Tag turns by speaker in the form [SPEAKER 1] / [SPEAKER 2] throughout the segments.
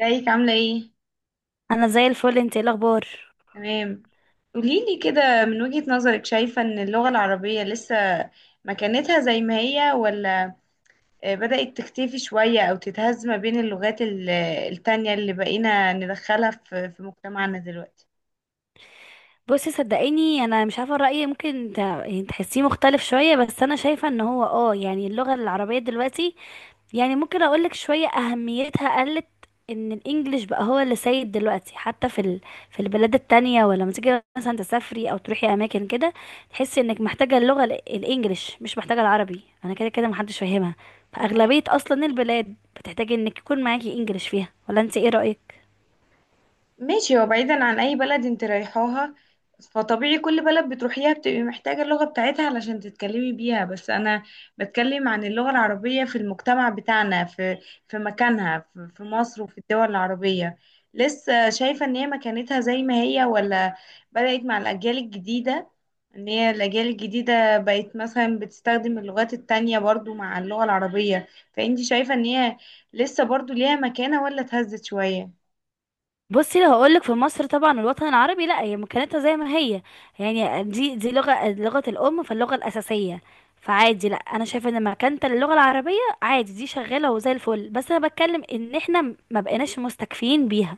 [SPEAKER 1] ازيك عاملة ايه؟
[SPEAKER 2] انا زي الفل، انت ايه الاخبار؟
[SPEAKER 1] تمام. قوليلي كده من وجهة نظرك، شايفة ان اللغة العربية لسه مكانتها زي ما هي، ولا بدأت تختفي شوية او تتهز ما بين اللغات التانية اللي بقينا ندخلها في مجتمعنا دلوقتي؟
[SPEAKER 2] بصي، صدقيني انا مش عارفه رايي، ممكن يعني تحسيه مختلف شويه، بس انا شايفه ان هو يعني اللغه العربيه دلوقتي. يعني ممكن اقولك شويه اهميتها قلت. ان الانجليش بقى هو اللي سيد دلوقتي حتى في البلاد التانية، ولما تيجي مثلا تسافري او تروحي اماكن كده، تحسي انك محتاجه اللغه الانجليش، مش محتاجه العربي، انا كده كده محدش فاهمها.
[SPEAKER 1] تمام.
[SPEAKER 2] فاغلبيه اصلا البلاد بتحتاجي انك يكون معاكي انجليش فيها، ولا انت ايه رايك؟
[SPEAKER 1] ماشي، هو بعيدا عن اي بلد انت رايحاها فطبيعي كل بلد بتروحيها بتبقي محتاجة اللغة بتاعتها علشان تتكلمي بيها. بس انا بتكلم عن اللغة العربية في المجتمع بتاعنا، في مكانها، في مصر وفي الدول العربية. لسه شايفة ان هي مكانتها زي ما هي ولا بدأت مع الاجيال الجديدة؟ ان هي الاجيال الجديدة بقت مثلا بتستخدم اللغات التانية برضو مع اللغة العربية، فانت شايفة ان هي لسه برضو ليها مكانة ولا اتهزت شوية؟
[SPEAKER 2] بصي، لو هقولك في مصر طبعا الوطن العربي، لا هي مكانتها زي ما هي، يعني دي لغة الأم، فاللغة الأساسية، فعادي، لا أنا شايفة إن مكانتها للغة العربية عادي، دي شغالة وزي الفل، بس أنا بتكلم إن إحنا ما بقيناش مستكفين بيها.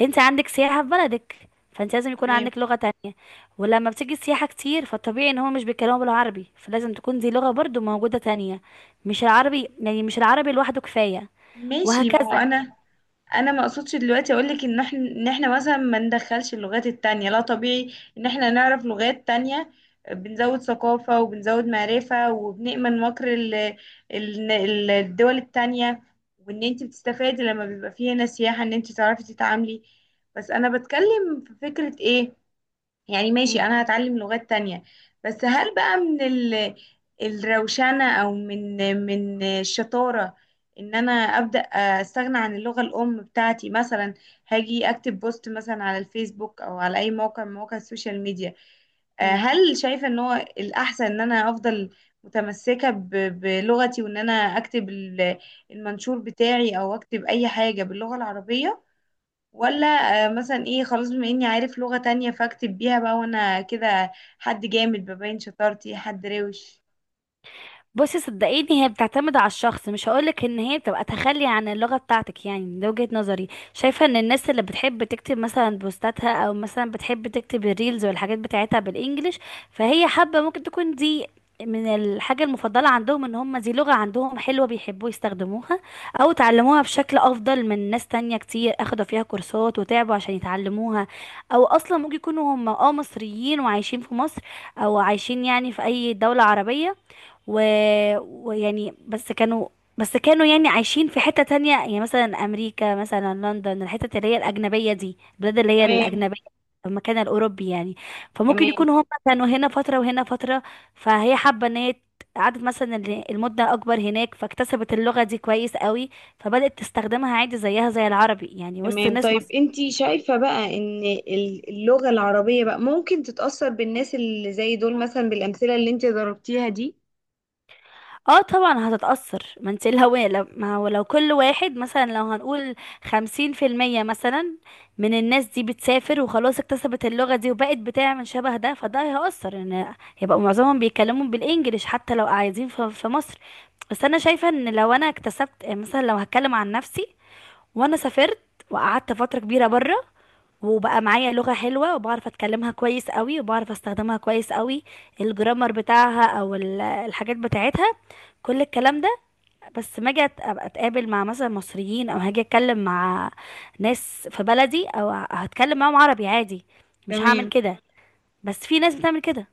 [SPEAKER 2] أنت عندك سياحة في بلدك، فأنت لازم يكون عندك لغة تانية، ولما بتيجي السياحة كتير، فالطبيعي إن هو مش بيتكلموا بالعربي، فلازم تكون دي لغة برضو موجودة تانية، مش العربي، يعني مش العربي لوحده كفاية،
[SPEAKER 1] ماشي. ما هو
[SPEAKER 2] وهكذا.
[SPEAKER 1] انا ما اقصدش دلوقتي اقول لك ان احنا مثلا ما ندخلش اللغات التانية، لا، طبيعي ان احنا نعرف لغات تانية. بنزود ثقافة، وبنزود معرفة، وبنأمن مكر الدول التانية، وان انت بتستفادي لما بيبقى فيه هنا سياحة، ان انت تعرفي تتعاملي. بس انا بتكلم في فكرة ايه. يعني، ماشي، انا هتعلم لغات تانية، بس هل بقى من الروشنة او من الشطارة ان انا ابدا استغنى عن اللغة الام بتاعتي، مثلا، هاجي اكتب بوست مثلا على الفيسبوك او على اي موقع من مواقع السوشيال ميديا.
[SPEAKER 2] مم.
[SPEAKER 1] هل شايفة ان هو الاحسن ان انا افضل متمسكة بلغتي، وان انا اكتب المنشور بتاعي او اكتب اي حاجة باللغة العربية، ولا مثلا ايه، خلاص بما اني عارف لغة تانية فاكتب بيها بقى وانا كده حد جامد ببين شطارتي، حد روش؟
[SPEAKER 2] بصي، صدقيني هي بتعتمد على الشخص، مش هقولك ان هي بتبقى تخلي عن اللغة بتاعتك، يعني ده وجهة نظري. شايفة ان الناس اللي بتحب تكتب مثلا بوستاتها، او مثلا بتحب تكتب الريلز والحاجات بتاعتها بالانجلش، فهي حابة، ممكن تكون دي من الحاجة المفضلة عندهم، ان هم دي لغة عندهم حلوة بيحبوا يستخدموها، او اتعلموها بشكل افضل من ناس تانية كتير اخدوا فيها كورسات وتعبوا عشان يتعلموها، او اصلا ممكن يكونوا هم مصريين وعايشين في مصر، او عايشين يعني في اي دولة عربية، و... ويعني بس كانوا يعني عايشين في حتة تانية، يعني مثلا أمريكا مثلا لندن، الحتة اللي هي الأجنبية، دي البلاد اللي هي
[SPEAKER 1] تمام،
[SPEAKER 2] الأجنبية، المكان الأوروبي يعني. فممكن
[SPEAKER 1] تمام،
[SPEAKER 2] يكونوا هم كانوا هنا فترة وهنا فترة، فهي حابة إن هي قعدت مثلا المدة أكبر هناك، فاكتسبت اللغة دي كويس قوي، فبدأت تستخدمها عادي زيها زي العربي، يعني وسط
[SPEAKER 1] تمام.
[SPEAKER 2] ناس.
[SPEAKER 1] طيب انتي شايفة بقى ان اللغة العربية بقى ممكن تتأثر بالناس اللي زي دول، مثلا بالأمثلة اللي انتي ضربتيها دي؟
[SPEAKER 2] اه طبعا هتتأثر، ما انت الهوية، لو ما هو لو كل واحد مثلا لو هنقول 50% مثلا، من الناس دي بتسافر وخلاص اكتسبت اللغة دي وبقت بتعمل شبه ده، فده هيأثر ان هيبقوا معظمهم بيتكلموا بالانجليش، حتى لو قاعدين في مصر. بس انا شايفة ان لو انا اكتسبت مثلا، لو هتكلم عن نفسي، وانا سافرت وقعدت فترة كبيرة بره، وبقى معايا لغة حلوة وبعرف اتكلمها كويس قوي وبعرف استخدمها كويس قوي، الجرامر بتاعها او الحاجات بتاعتها، كل الكلام ده، بس ما اجي ابقى اتقابل مع مثلا مصريين، او هاجي اتكلم مع ناس في بلدي، او هتكلم معاهم عربي عادي، مش هعمل
[SPEAKER 1] تمام،
[SPEAKER 2] كده. بس في ناس بتعمل كده.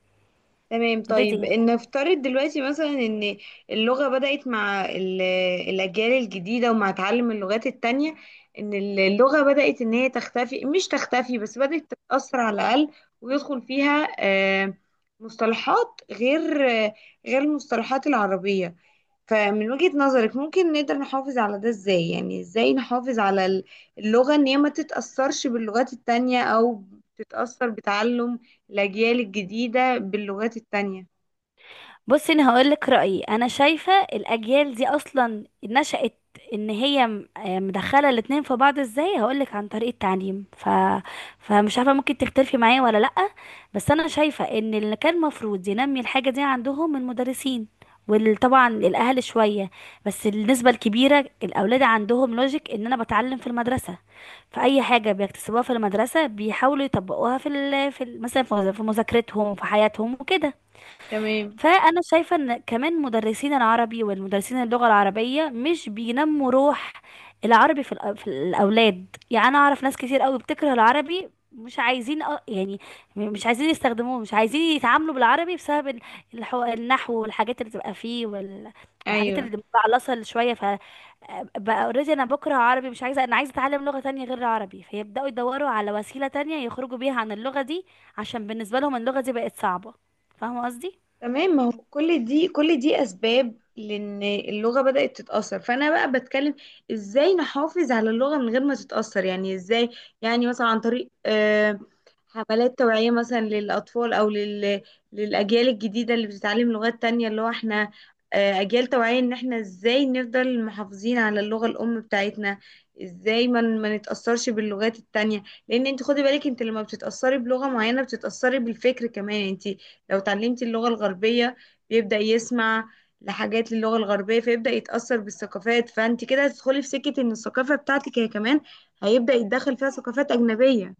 [SPEAKER 1] تمام.
[SPEAKER 2] اوريدي.
[SPEAKER 1] طيب نفترض دلوقتي مثلا ان اللغة بدأت مع الأجيال الجديدة ومع تعلم اللغات التانية، ان اللغة بدأت ان هي تختفي، مش تختفي بس بدأت تتأثر على الأقل، ويدخل فيها مصطلحات غير المصطلحات العربية. فمن وجهة نظرك ممكن نقدر نحافظ على ده ازاي؟ يعني ازاي نحافظ على اللغة ان هي ما تتأثرش باللغات التانية، او تتأثر بتعلم الأجيال الجديدة باللغات التانية؟
[SPEAKER 2] بصي، انا هقول لك رايي، انا شايفه الاجيال دي اصلا نشأت ان هي مدخله الاتنين في بعض، ازاي هقول لك، عن طريق التعليم، فمش عارفه، ممكن تختلفي معايا ولا لا، بس انا شايفه ان اللي كان المفروض ينمي الحاجه دي عندهم المدرسين، وطبعا الاهل شويه، بس النسبه الكبيره الاولاد عندهم لوجيك ان انا بتعلم في المدرسه، فاي حاجه بيكتسبوها في المدرسه بيحاولوا يطبقوها مثلا في مذاكرتهم في حياتهم وكده.
[SPEAKER 1] تمام،
[SPEAKER 2] فانا شايفه ان كمان مدرسين العربي والمدرسين اللغه العربيه مش بينموا روح العربي في الاولاد، يعني انا اعرف ناس كتير قوي بتكره العربي، مش عايزين يعني مش عايزين يستخدموه، مش عايزين يتعاملوا بالعربي بسبب النحو والحاجات اللي بتبقى فيه والحاجات
[SPEAKER 1] ايوه،
[SPEAKER 2] اللي متعلصه شويه، فبقى اوريدي انا بكره عربي مش عايزه، انا عايزه اتعلم لغه تانية غير العربي، فيبداوا يدوروا على وسيله تانية يخرجوا بيها عن اللغه دي، عشان بالنسبه لهم اللغه دي بقت صعبه. فاهمه قصدي؟
[SPEAKER 1] تمام. ما هو كل دي اسباب لان اللغه بدات تتاثر. فانا بقى بتكلم ازاي نحافظ على اللغه من غير ما تتاثر، يعني ازاي، يعني مثلا عن طريق حملات توعيه مثلا للاطفال، او للاجيال الجديده اللي بتتعلم لغات تانية، اللي هو احنا اجيال توعيه ان احنا ازاي نفضل محافظين على اللغه الام بتاعتنا. ازاي ما نتاثرش باللغات التانية، لان انت خدي بالك، انت لما بتتاثري بلغه معينه بتتاثري بالفكر كمان. انت لو اتعلمتي اللغة الغربية بيبدأ يسمع لحاجات للغة الغربية فيبدأ يتأثر بالثقافات، فانت كده هتدخلي في سكة ان الثقافة بتاعتك هي كمان هيبدأ يتدخل فيها ثقافات أجنبية.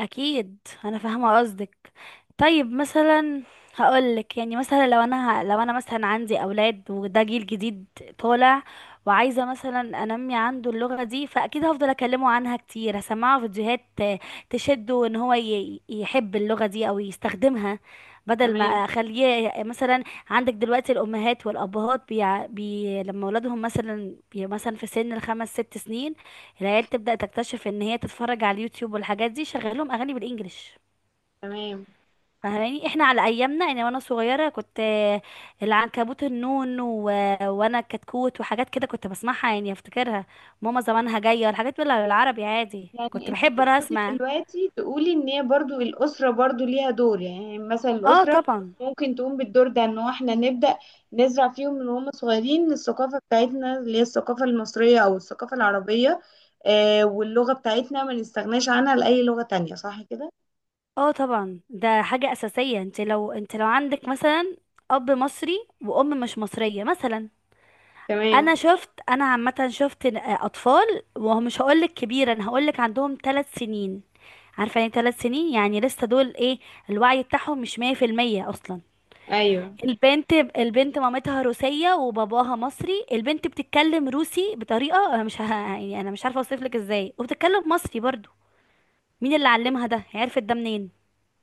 [SPEAKER 2] اكيد. انا فاهمه قصدك. طيب، مثلا، هقولك يعني مثلا، لو انا مثلا عندي اولاد وده جيل جديد طالع، وعايزه مثلا انمي عنده اللغه دي، فاكيد هفضل اكلمه عنها كتير، هسمعه فيديوهات تشده ان هو يحب اللغه دي او يستخدمها، بدل ما
[SPEAKER 1] تمام،
[SPEAKER 2] اخليه مثلا. عندك دلوقتي الامهات والابهات لما اولادهم مثلا مثلا في سن الخمس ست سنين، العيال تبدأ تكتشف ان هي تتفرج على اليوتيوب والحاجات دي، شغال لهم اغاني بالانجلش.
[SPEAKER 1] تمام.
[SPEAKER 2] فاهماني احنا على ايامنا، يعني وانا صغيره كنت العنكبوت النون وانا الكتكوت وحاجات كده، كنت بسمعها يعني افتكرها، ماما زمانها جايه الحاجات دي بالعربي عادي،
[SPEAKER 1] يعني
[SPEAKER 2] كنت
[SPEAKER 1] انت
[SPEAKER 2] بحب انا
[SPEAKER 1] تقصدي
[SPEAKER 2] اسمع.
[SPEAKER 1] دلوقتي تقولي ان هي برضو الاسره برضو ليها دور، يعني مثلا
[SPEAKER 2] اه
[SPEAKER 1] الاسره
[SPEAKER 2] طبعا.
[SPEAKER 1] ممكن تقوم بالدور ده، ان هو احنا نبدا نزرع فيهم من هم صغيرين الثقافه بتاعتنا اللي هي الثقافه المصريه او الثقافه العربيه، واللغه بتاعتنا ما نستغناش عنها لاي لغه تانية، صح كده؟
[SPEAKER 2] اه طبعا، ده حاجه اساسيه، انت لو عندك مثلا اب مصري وام مش مصريه مثلا،
[SPEAKER 1] تمام،
[SPEAKER 2] انا عامه شفت اطفال، وهو مش هقولك كبيره، انا هقولك عندهم ثلاث سنين، عارفه يعني ثلاث سنين، يعني لسه دول ايه، الوعي بتاعهم مش 100% اصلا.
[SPEAKER 1] ايوه،
[SPEAKER 2] البنت مامتها روسيه وباباها مصري، البنت بتتكلم روسي بطريقه انا مش يعني انا مش عارفه اوصفلك ازاي، وبتتكلم مصري برضو. مين اللي علمها ده؟ عرفت ده منين؟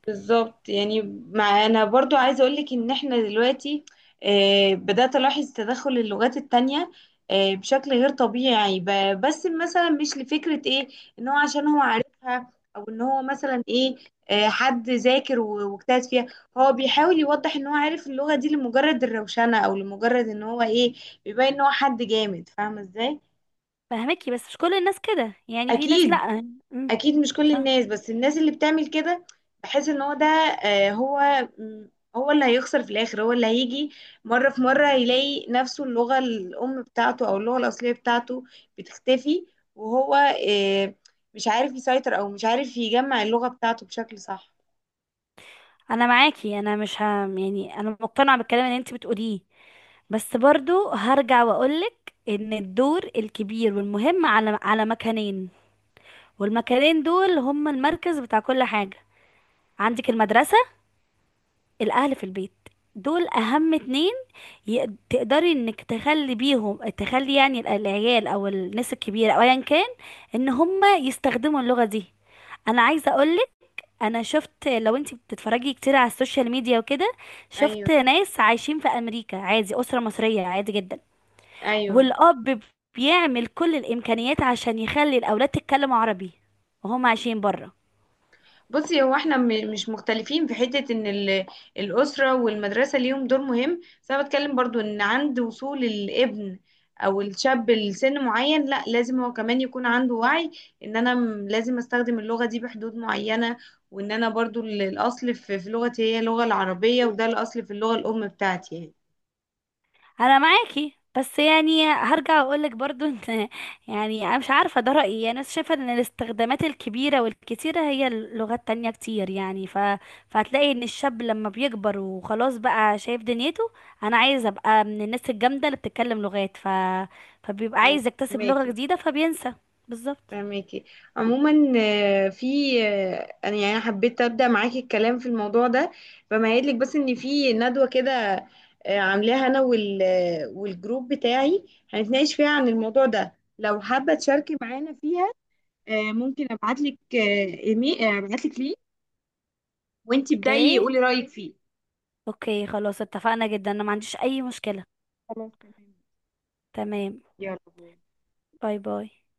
[SPEAKER 1] بالظبط يعني. مع، انا برضو عايزه اقول لك ان احنا دلوقتي بدات الاحظ تدخل اللغات التانية بشكل غير طبيعي، بس مثلا، مش لفكره ايه، ان هو عشان هو عارفها، او ان هو مثلا ايه، حد ذاكر واجتهد فيها، هو بيحاول يوضح ان هو عارف اللغه دي لمجرد الروشنه او لمجرد ان هو ايه، بيبين ان هو حد جامد فاهمه ازاي.
[SPEAKER 2] فهمكي، بس مش كل الناس كده، يعني في ناس لا.
[SPEAKER 1] اكيد.
[SPEAKER 2] أمم،
[SPEAKER 1] اكيد مش كل
[SPEAKER 2] صح.
[SPEAKER 1] الناس، بس الناس اللي بتعمل كده بحس ان هو ده. آه، هو م، هو اللي هيخسر في الاخر، هو اللي هيجي مره في مره يلاقي نفسه اللغه الام بتاعته او اللغه الاصليه بتاعته بتختفي، وهو آه، مش عارف يسيطر او مش عارف يجمع اللغه بتاعته بشكل صح.
[SPEAKER 2] انا معاكي، انا مش ه... يعني انا مقتنعه بالكلام اللي انت بتقوليه، بس برضو هرجع واقولك ان الدور الكبير والمهم على مكانين، والمكانين دول هم المركز بتاع كل حاجة، عندك المدرسة، الاهل في البيت، دول اهم اتنين، تقدري انك تخلي بيهم تخلي يعني العيال او الناس الكبيرة او ايا كان ان هم يستخدموا اللغة دي. انا عايزة اقولك، انا شفت لو انت بتتفرجي كتير على السوشيال ميديا وكده،
[SPEAKER 1] ايوه،
[SPEAKER 2] شفت ناس عايشين في امريكا عادي، اسرة مصرية عادي جدا،
[SPEAKER 1] ايوه.
[SPEAKER 2] والأب بيعمل كل الإمكانيات عشان يخلي الأولاد تتكلم عربي، وهم عايشين برا.
[SPEAKER 1] بصي، هو احنا مش مختلفين في حتة ان الأسرة والمدرسة ليهم دور مهم. بس انا بتكلم برضو ان عند وصول الابن او الشاب لسن معين، لا، لازم هو كمان يكون عنده وعي ان انا لازم استخدم اللغة دي بحدود معينة، وان انا برضو الاصل في لغتي هي اللغة العربية، وده الاصل في اللغة الام بتاعتي يعني.
[SPEAKER 2] أنا معاكي، بس يعني هرجع أقولك برضو إن يعني أنا مش عارفة، ده رأيي، أنا شايفة إن الاستخدامات الكبيرة والكتيرة هي لغات تانية كتير، يعني فهتلاقي إن الشاب لما بيكبر وخلاص بقى شايف دنيته، أنا عايز أبقى من الناس الجامدة اللي بتتكلم لغات، فبيبقى
[SPEAKER 1] ايوه،
[SPEAKER 2] عايز يكتسب لغة
[SPEAKER 1] ماكي،
[SPEAKER 2] جديدة، فبينسى. بالظبط.
[SPEAKER 1] فهماكي. عموما، في آه، انا يعني أنا حبيت ابدا معاكي الكلام في الموضوع ده، فمهيئ لك بس ان في ندوه كده عاملاها انا والجروب بتاعي، هنتناقش فيها عن الموضوع ده. لو حابه تشاركي معانا فيها، ممكن ابعت لك ايميل، ابعت لك لينك، وانتي ابداي
[SPEAKER 2] اوكي.
[SPEAKER 1] قولي رايك فيه.
[SPEAKER 2] اوكي، خلاص اتفقنا جدا، أنا ما عنديش أي مشكلة.
[SPEAKER 1] خلاص، تمام.
[SPEAKER 2] تمام.
[SPEAKER 1] يلا باي.
[SPEAKER 2] باي باي.